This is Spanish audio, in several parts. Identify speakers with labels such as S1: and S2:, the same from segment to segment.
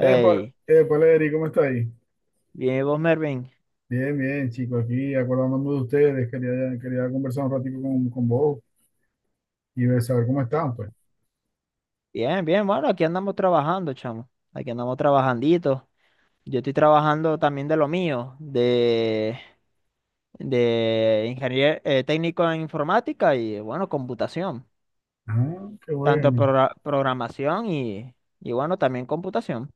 S1: Epa, epa, Leri, ¿cómo está ahí?
S2: bien, ¿y vos, Mervin?
S1: Bien, bien, chicos, aquí acordándome de ustedes, quería conversar un ratito con vos y ver saber cómo están, pues.
S2: Bien, bien, bueno, aquí andamos trabajando, chamo. Aquí andamos trabajandito. Yo estoy trabajando también de lo mío, de ingeniero técnico en informática y, bueno, computación.
S1: Ah, qué
S2: Tanto
S1: bueno,
S2: programación y, bueno, también computación,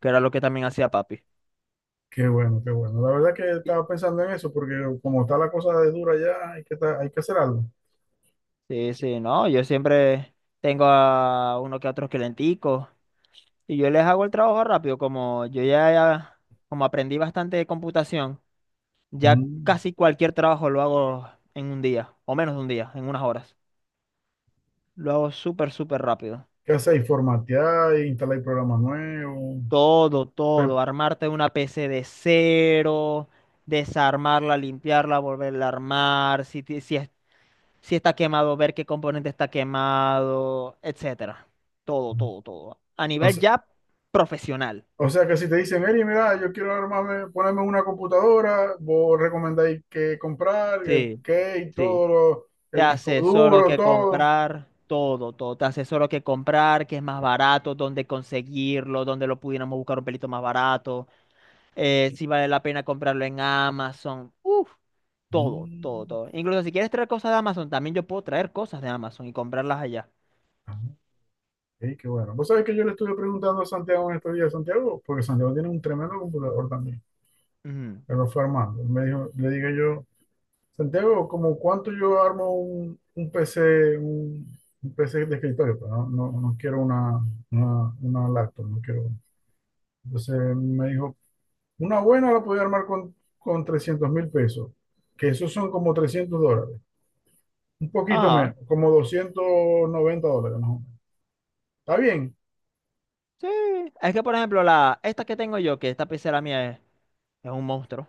S2: que era lo que también hacía papi.
S1: qué bueno, qué bueno. La verdad que
S2: Sí,
S1: estaba pensando en eso, porque como está la cosa de dura ya, hay que hacer algo.
S2: sí, sí, no, yo siempre tengo a uno que otros clienticos y yo les hago el trabajo rápido, como yo ya, como aprendí bastante de computación. Ya
S1: Mm.
S2: casi cualquier trabajo lo hago en un día, o menos de un día, en unas horas. Lo hago súper, súper rápido.
S1: ¿Qué hacéis? Formatear, instalar programas nuevos.
S2: Todo,
S1: Re-
S2: todo. Armarte una PC de cero, desarmarla, limpiarla, volverla a armar. Si, si está quemado, ver qué componente está quemado, etcétera. Todo, todo, todo. A
S1: o
S2: nivel
S1: se-
S2: ya profesional.
S1: O sea que si te dicen, Eri, mira, yo quiero armarme, ponerme una computadora, vos recomendáis qué comprar, el
S2: Sí,
S1: qué y
S2: sí.
S1: todo,
S2: Te
S1: el disco
S2: asesoro
S1: duro,
S2: que
S1: todo.
S2: comprar, todo, todo. Te asesoro que comprar, que es más barato, dónde conseguirlo, dónde lo pudiéramos buscar un pelito más barato, si vale la pena comprarlo en Amazon. Uf, todo, todo,
S1: Mm,
S2: todo. Incluso si quieres traer cosas de Amazon, también yo puedo traer cosas de Amazon y comprarlas allá.
S1: ah, ok, qué bueno. Vos sabés que yo le estuve preguntando a Santiago en estos días, Santiago, porque Santiago tiene un tremendo computador también.
S2: Ujú.
S1: Me lo fue armando. Me dijo, le dije yo, Santiago, ¿como cuánto yo armo un PC, un PC de escritorio? Pero no quiero una, una laptop, no quiero. Entonces me dijo, una buena la podía armar con 300.000 pesos, que esos son como $300, un poquito menos,
S2: Ajá,
S1: como $290 más o menos. ¿Está bien?
S2: sí. Es que, por ejemplo, la, esta que tengo yo, que esta pecera mía es un monstruo,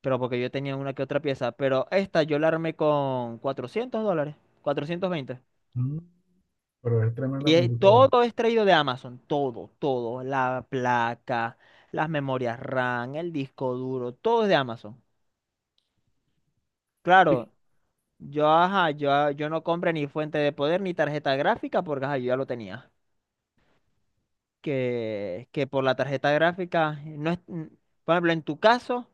S2: pero porque yo tenía una que otra pieza, pero esta yo la armé con $400, 420.
S1: Mm, Pero es tremenda
S2: Y
S1: computadora.
S2: todo es traído de Amazon, todo, todo, la placa, las memorias RAM, el disco duro, todo es de Amazon.
S1: Sí.
S2: Claro, yo, ajá, yo, ah, yo no compré ni fuente de poder ni tarjeta gráfica porque ajá, yo ya lo tenía. Que por la tarjeta gráfica, no es, por ejemplo, en tu caso,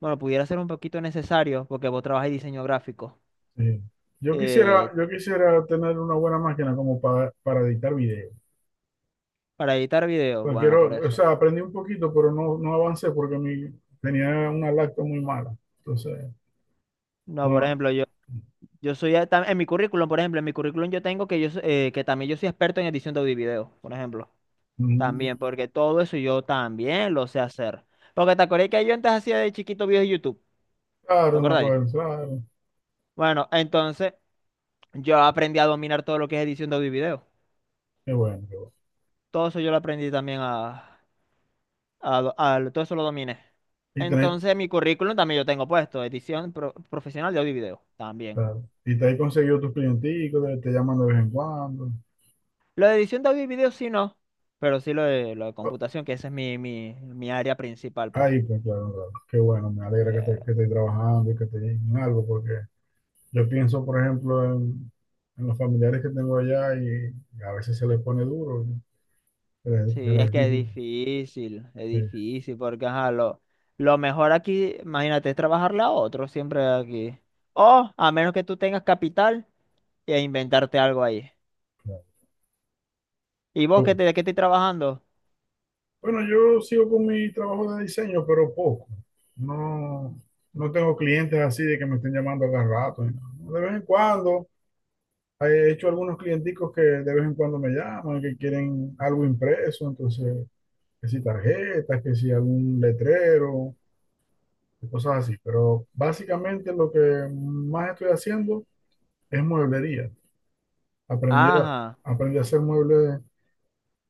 S2: bueno, pudiera ser un poquito necesario porque vos trabajas en diseño gráfico.
S1: Sí. Yo quisiera,
S2: eh,
S1: yo quisiera tener una buena máquina como para editar video.
S2: para editar videos,
S1: Porque
S2: bueno, por
S1: quiero, o
S2: eso.
S1: sea, aprendí un poquito, pero no avancé porque mi, tenía una lacto muy mala. Entonces,
S2: No, por
S1: no,
S2: ejemplo, yo... Yo soy, en mi currículum, por ejemplo, en mi currículum yo tengo que yo, que también yo soy experto en edición de audio y video, por ejemplo.
S1: mm,
S2: También, porque todo eso yo también lo sé hacer. Porque te acordás que yo antes hacía de chiquito videos de YouTube,
S1: claro,
S2: ¿te
S1: no me
S2: acordáis?
S1: acuerdo, claro,
S2: Bueno, entonces yo aprendí a dominar todo lo que es edición de audio y video.
S1: qué bueno, qué bueno.
S2: Todo eso yo lo aprendí también a, todo eso lo dominé.
S1: Y tenéis
S2: Entonces en mi currículum también yo tengo puesto edición profesional de audio y video, también.
S1: claro. Y te has conseguido tus clienticos, te llaman de vez en cuando.
S2: Lo de edición de audio y video sí no, pero sí lo de
S1: Oh,
S2: computación, que esa es mi, mi, mi área principal, pues.
S1: ahí, pues claro, claro. Qué bueno, me alegra que,
S2: Eh,
S1: que estés trabajando y que estés en algo, porque yo pienso, por ejemplo, en los familiares que tengo allá y a veces se les pone duro, ¿no? Se
S2: Sí, es
S1: les
S2: que
S1: digo.
S2: es
S1: Sí,
S2: difícil, porque ajá, lo mejor aquí, imagínate, es trabajarle a otro siempre aquí. O a menos que tú tengas capital e inventarte algo ahí.
S1: claro.
S2: ¿Y vos qué
S1: Yo-
S2: te, de qué estoy trabajando?
S1: bueno, yo sigo con mi trabajo de diseño, pero poco. No, no tengo clientes así de que me estén llamando cada rato, ¿no? De vez en cuando he hecho algunos clienticos que de vez en cuando me llaman, que quieren algo impreso, entonces, que si tarjetas, que si algún letrero, y cosas así. Pero básicamente lo que más estoy haciendo es mueblería. Aprendí a,
S2: Ajá.
S1: aprendí a hacer muebles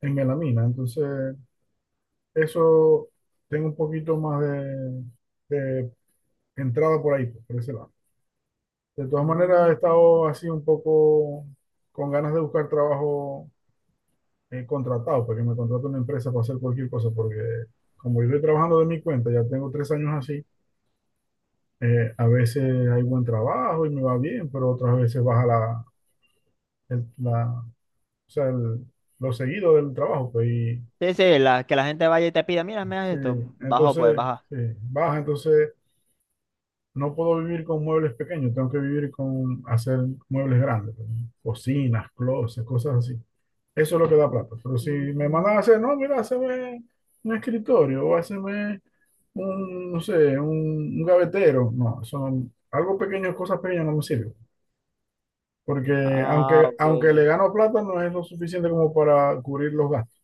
S1: en melamina, entonces eso tengo un poquito más de entrada por ahí, pues, por ese lado. De todas maneras,
S2: Mm.
S1: he estado así un poco con ganas de buscar trabajo contratado, para que me contrate una empresa para hacer cualquier cosa, porque como yo estoy trabajando de mi cuenta, ya tengo 3 años así, a veces hay buen trabajo y me va bien, pero otras veces baja la, o sea, lo seguido del trabajo, pues, y
S2: Sí, sí, la, que la gente vaya y te pida, mira, me das
S1: sí,
S2: esto, bajo pues,
S1: entonces,
S2: baja.
S1: sí, baja, entonces no puedo vivir con muebles pequeños, tengo que vivir con hacer muebles grandes, pues, cocinas, closets, cosas así. Eso es lo que da plata. Pero si me mandan a
S2: Mm.
S1: hacer, no, mira, hazme un escritorio o hazme un, no sé, un gavetero. No, son algo pequeño, cosas pequeñas no me sirven. Porque
S2: Ah,
S1: aunque,
S2: ok.
S1: aunque le gano plata, no es lo suficiente como para cubrir los gastos.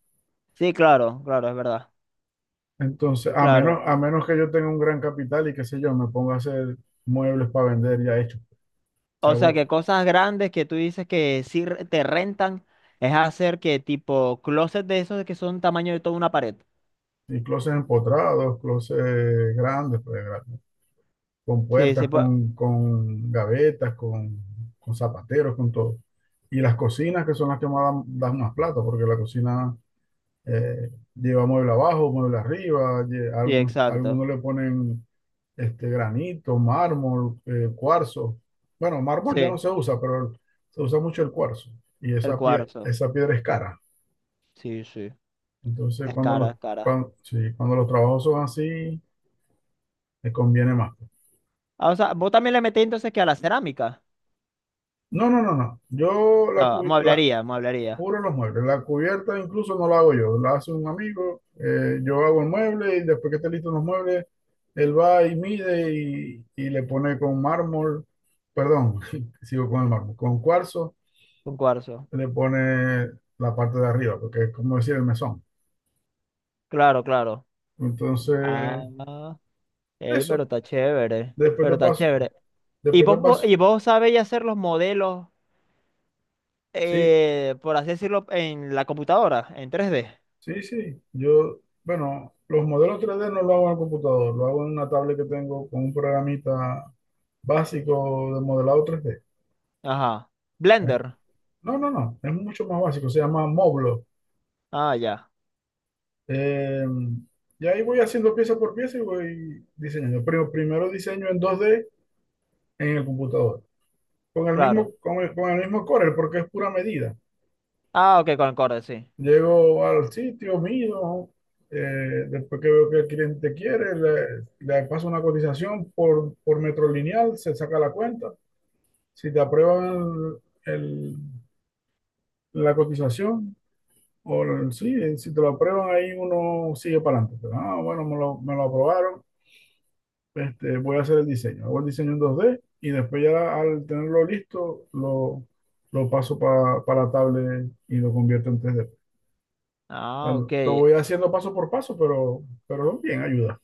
S2: Sí, claro, claro, es verdad.
S1: Entonces,
S2: Claro.
S1: a menos que yo tenga un gran capital y qué sé yo, me ponga a hacer muebles para vender ya hechos. O sea,
S2: O sea,
S1: bu-
S2: que cosas grandes que tú dices que sí te rentan es hacer que tipo closet de esos que son tamaño de toda una pared.
S1: y closets empotrados, closets grandes, pues, con
S2: Sí, sí,
S1: puertas,
S2: pues,
S1: con gavetas, con zapateros, con todo. Y las cocinas, que son las que más dan, dan más plata, porque la cocina lleva mueble abajo, mueble arriba,
S2: sí,
S1: algunos,
S2: exacto.
S1: algunos le ponen este, granito, mármol, cuarzo. Bueno, mármol ya no
S2: Sí,
S1: se usa, pero se usa mucho el cuarzo. Y
S2: el cuarzo.
S1: esa piedra es cara.
S2: Sí, sí.
S1: Entonces,
S2: Es cara, es cara.
S1: cuando los trabajos son así, te conviene más.
S2: Ah, o sea, vos también le metí entonces que a la cerámica.
S1: No, no, no, no. Yo la,
S2: No,
S1: cu- la-
S2: mueblería, mueblería.
S1: puro los muebles. La cubierta incluso no la hago yo, la hace un amigo. Yo hago el mueble y después que esté listo los muebles, él va y mide y le pone con mármol, perdón, sigo con el mármol, con cuarzo,
S2: Un cuarzo.
S1: le pone la parte de arriba, porque es como decir el mesón.
S2: Claro, claro. Ah,
S1: Entonces,
S2: ey, pero
S1: eso.
S2: está chévere.
S1: Después te
S2: Pero está
S1: paso,
S2: chévere. ¿Y
S1: después te
S2: vos, vos-
S1: paso.
S2: y vos sabéis hacer los modelos,
S1: Sí,
S2: por así decirlo, en la computadora, en 3D?
S1: sí. Yo, bueno, los modelos 3D no lo hago en el computador, lo hago en una tablet que tengo con un programita básico de modelado 3D.
S2: Ajá.
S1: Eh,
S2: Blender.
S1: No, no, no, es mucho más básico, se llama Moblo.
S2: Ah, ya.
S1: Eh, y ahí voy haciendo pieza por pieza y voy diseñando. Pero primero diseño en 2D en el computador,
S2: Claro.
S1: con el mismo Corel, porque es pura medida.
S2: Ah, ok, con el Corel, sí.
S1: Llego al sitio, mido, después que veo que el cliente quiere, le paso una cotización por metro lineal, se saca la cuenta. Si te aprueban el- la cotización, sí, si te lo aprueban ahí, uno sigue para adelante. Pero, ah, bueno, me lo aprobaron. Este, voy a hacer el diseño. Hago el diseño en 2D y después ya al tenerlo listo, lo paso para tablet y lo convierto en 3D.
S2: Ah,
S1: Lo
S2: ok.
S1: voy haciendo paso por paso, pero bien, ayuda.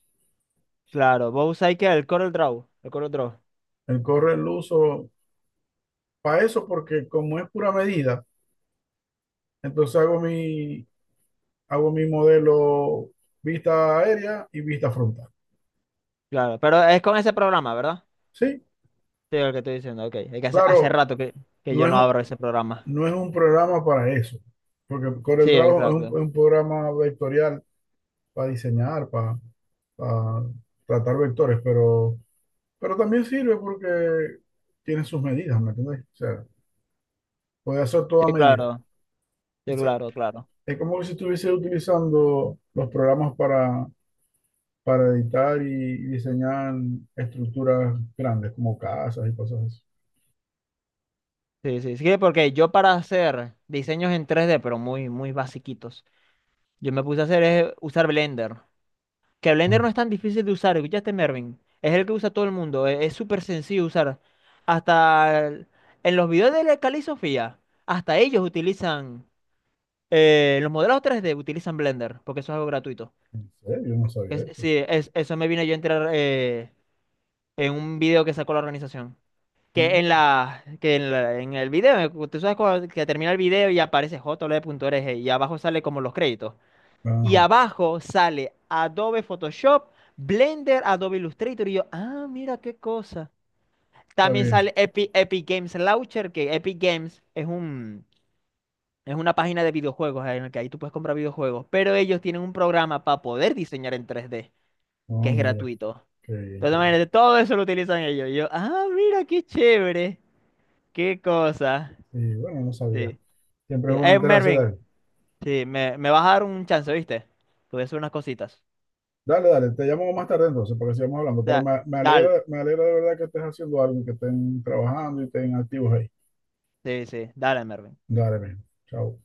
S2: Claro. Vos usáis que el Corel Draw. El Corel Draw.
S1: El corre lo uso para eso porque como es pura medida, entonces hago mi modelo vista aérea y vista frontal.
S2: Claro. Pero es con ese programa, ¿verdad?
S1: Sí,
S2: Sí, el que estoy diciendo. Ok. Es que hace, hace
S1: claro,
S2: rato que
S1: no
S2: yo
S1: es,
S2: no abro ese programa.
S1: no es un programa para eso, porque
S2: Sí,
S1: CorelDRAW es
S2: exacto.
S1: un programa vectorial para diseñar, para tratar vectores, pero también sirve porque tiene sus medidas, ¿me entiendes? O sea, puede hacer toda
S2: Sí,
S1: medida.
S2: claro.
S1: O
S2: Sí,
S1: sea,
S2: claro, claro.
S1: es como si estuviese utilizando los programas para editar y diseñar estructuras grandes, como casas y cosas así.
S2: Sí, sí. Sí, porque yo para hacer diseños en 3D pero muy, muy basiquitos, yo me puse a hacer es usar Blender. Que Blender
S1: Ah,
S2: no es tan difícil de usar, ¿escuchaste, Mervin? Es el que usa todo el mundo, es súper sencillo de usar. Hasta el- en los videos de la Cali Sofía, hasta ellos utilizan, los modelos 3D utilizan Blender, porque eso es algo gratuito.
S1: ¿en serio? Yo no sabía eso.
S2: Sí, eso me vine yo a enterar en un video que sacó la organización.
S1: Mm.
S2: En el video, tú sabes que termina el video y aparece j l e punto Org y abajo sale como los créditos. Y
S1: Ajá,
S2: abajo sale Adobe Photoshop, Blender, Adobe Illustrator. Y yo, ah, mira qué cosa.
S1: está
S2: También
S1: bien.
S2: sale Epic, Games Launcher, que Epic Games es un, es una página de videojuegos en la que ahí tú puedes comprar videojuegos. Pero ellos tienen un programa para poder diseñar en 3D
S1: No,
S2: que es
S1: mira,
S2: gratuito.
S1: qué bien,
S2: Entonces,
S1: qué
S2: imagínate, todo eso lo utilizan ellos. Y yo, ah, mira qué chévere. Qué cosa.
S1: y bueno, no sabía.
S2: Sí,
S1: Siempre
S2: sí.
S1: es bueno enterarse de
S2: Mervin,
S1: él.
S2: sí, me vas a dar un chance, ¿viste? Te voy a hacer unas cositas.
S1: Dale, dale, te llamo más tarde entonces para que sigamos hablando. Pero
S2: Da- dale.
S1: me alegra de verdad que estés haciendo algo y que estén trabajando y estén activos ahí.
S2: Sí, sí, dale, Mervin.
S1: Dale, bien. Chao.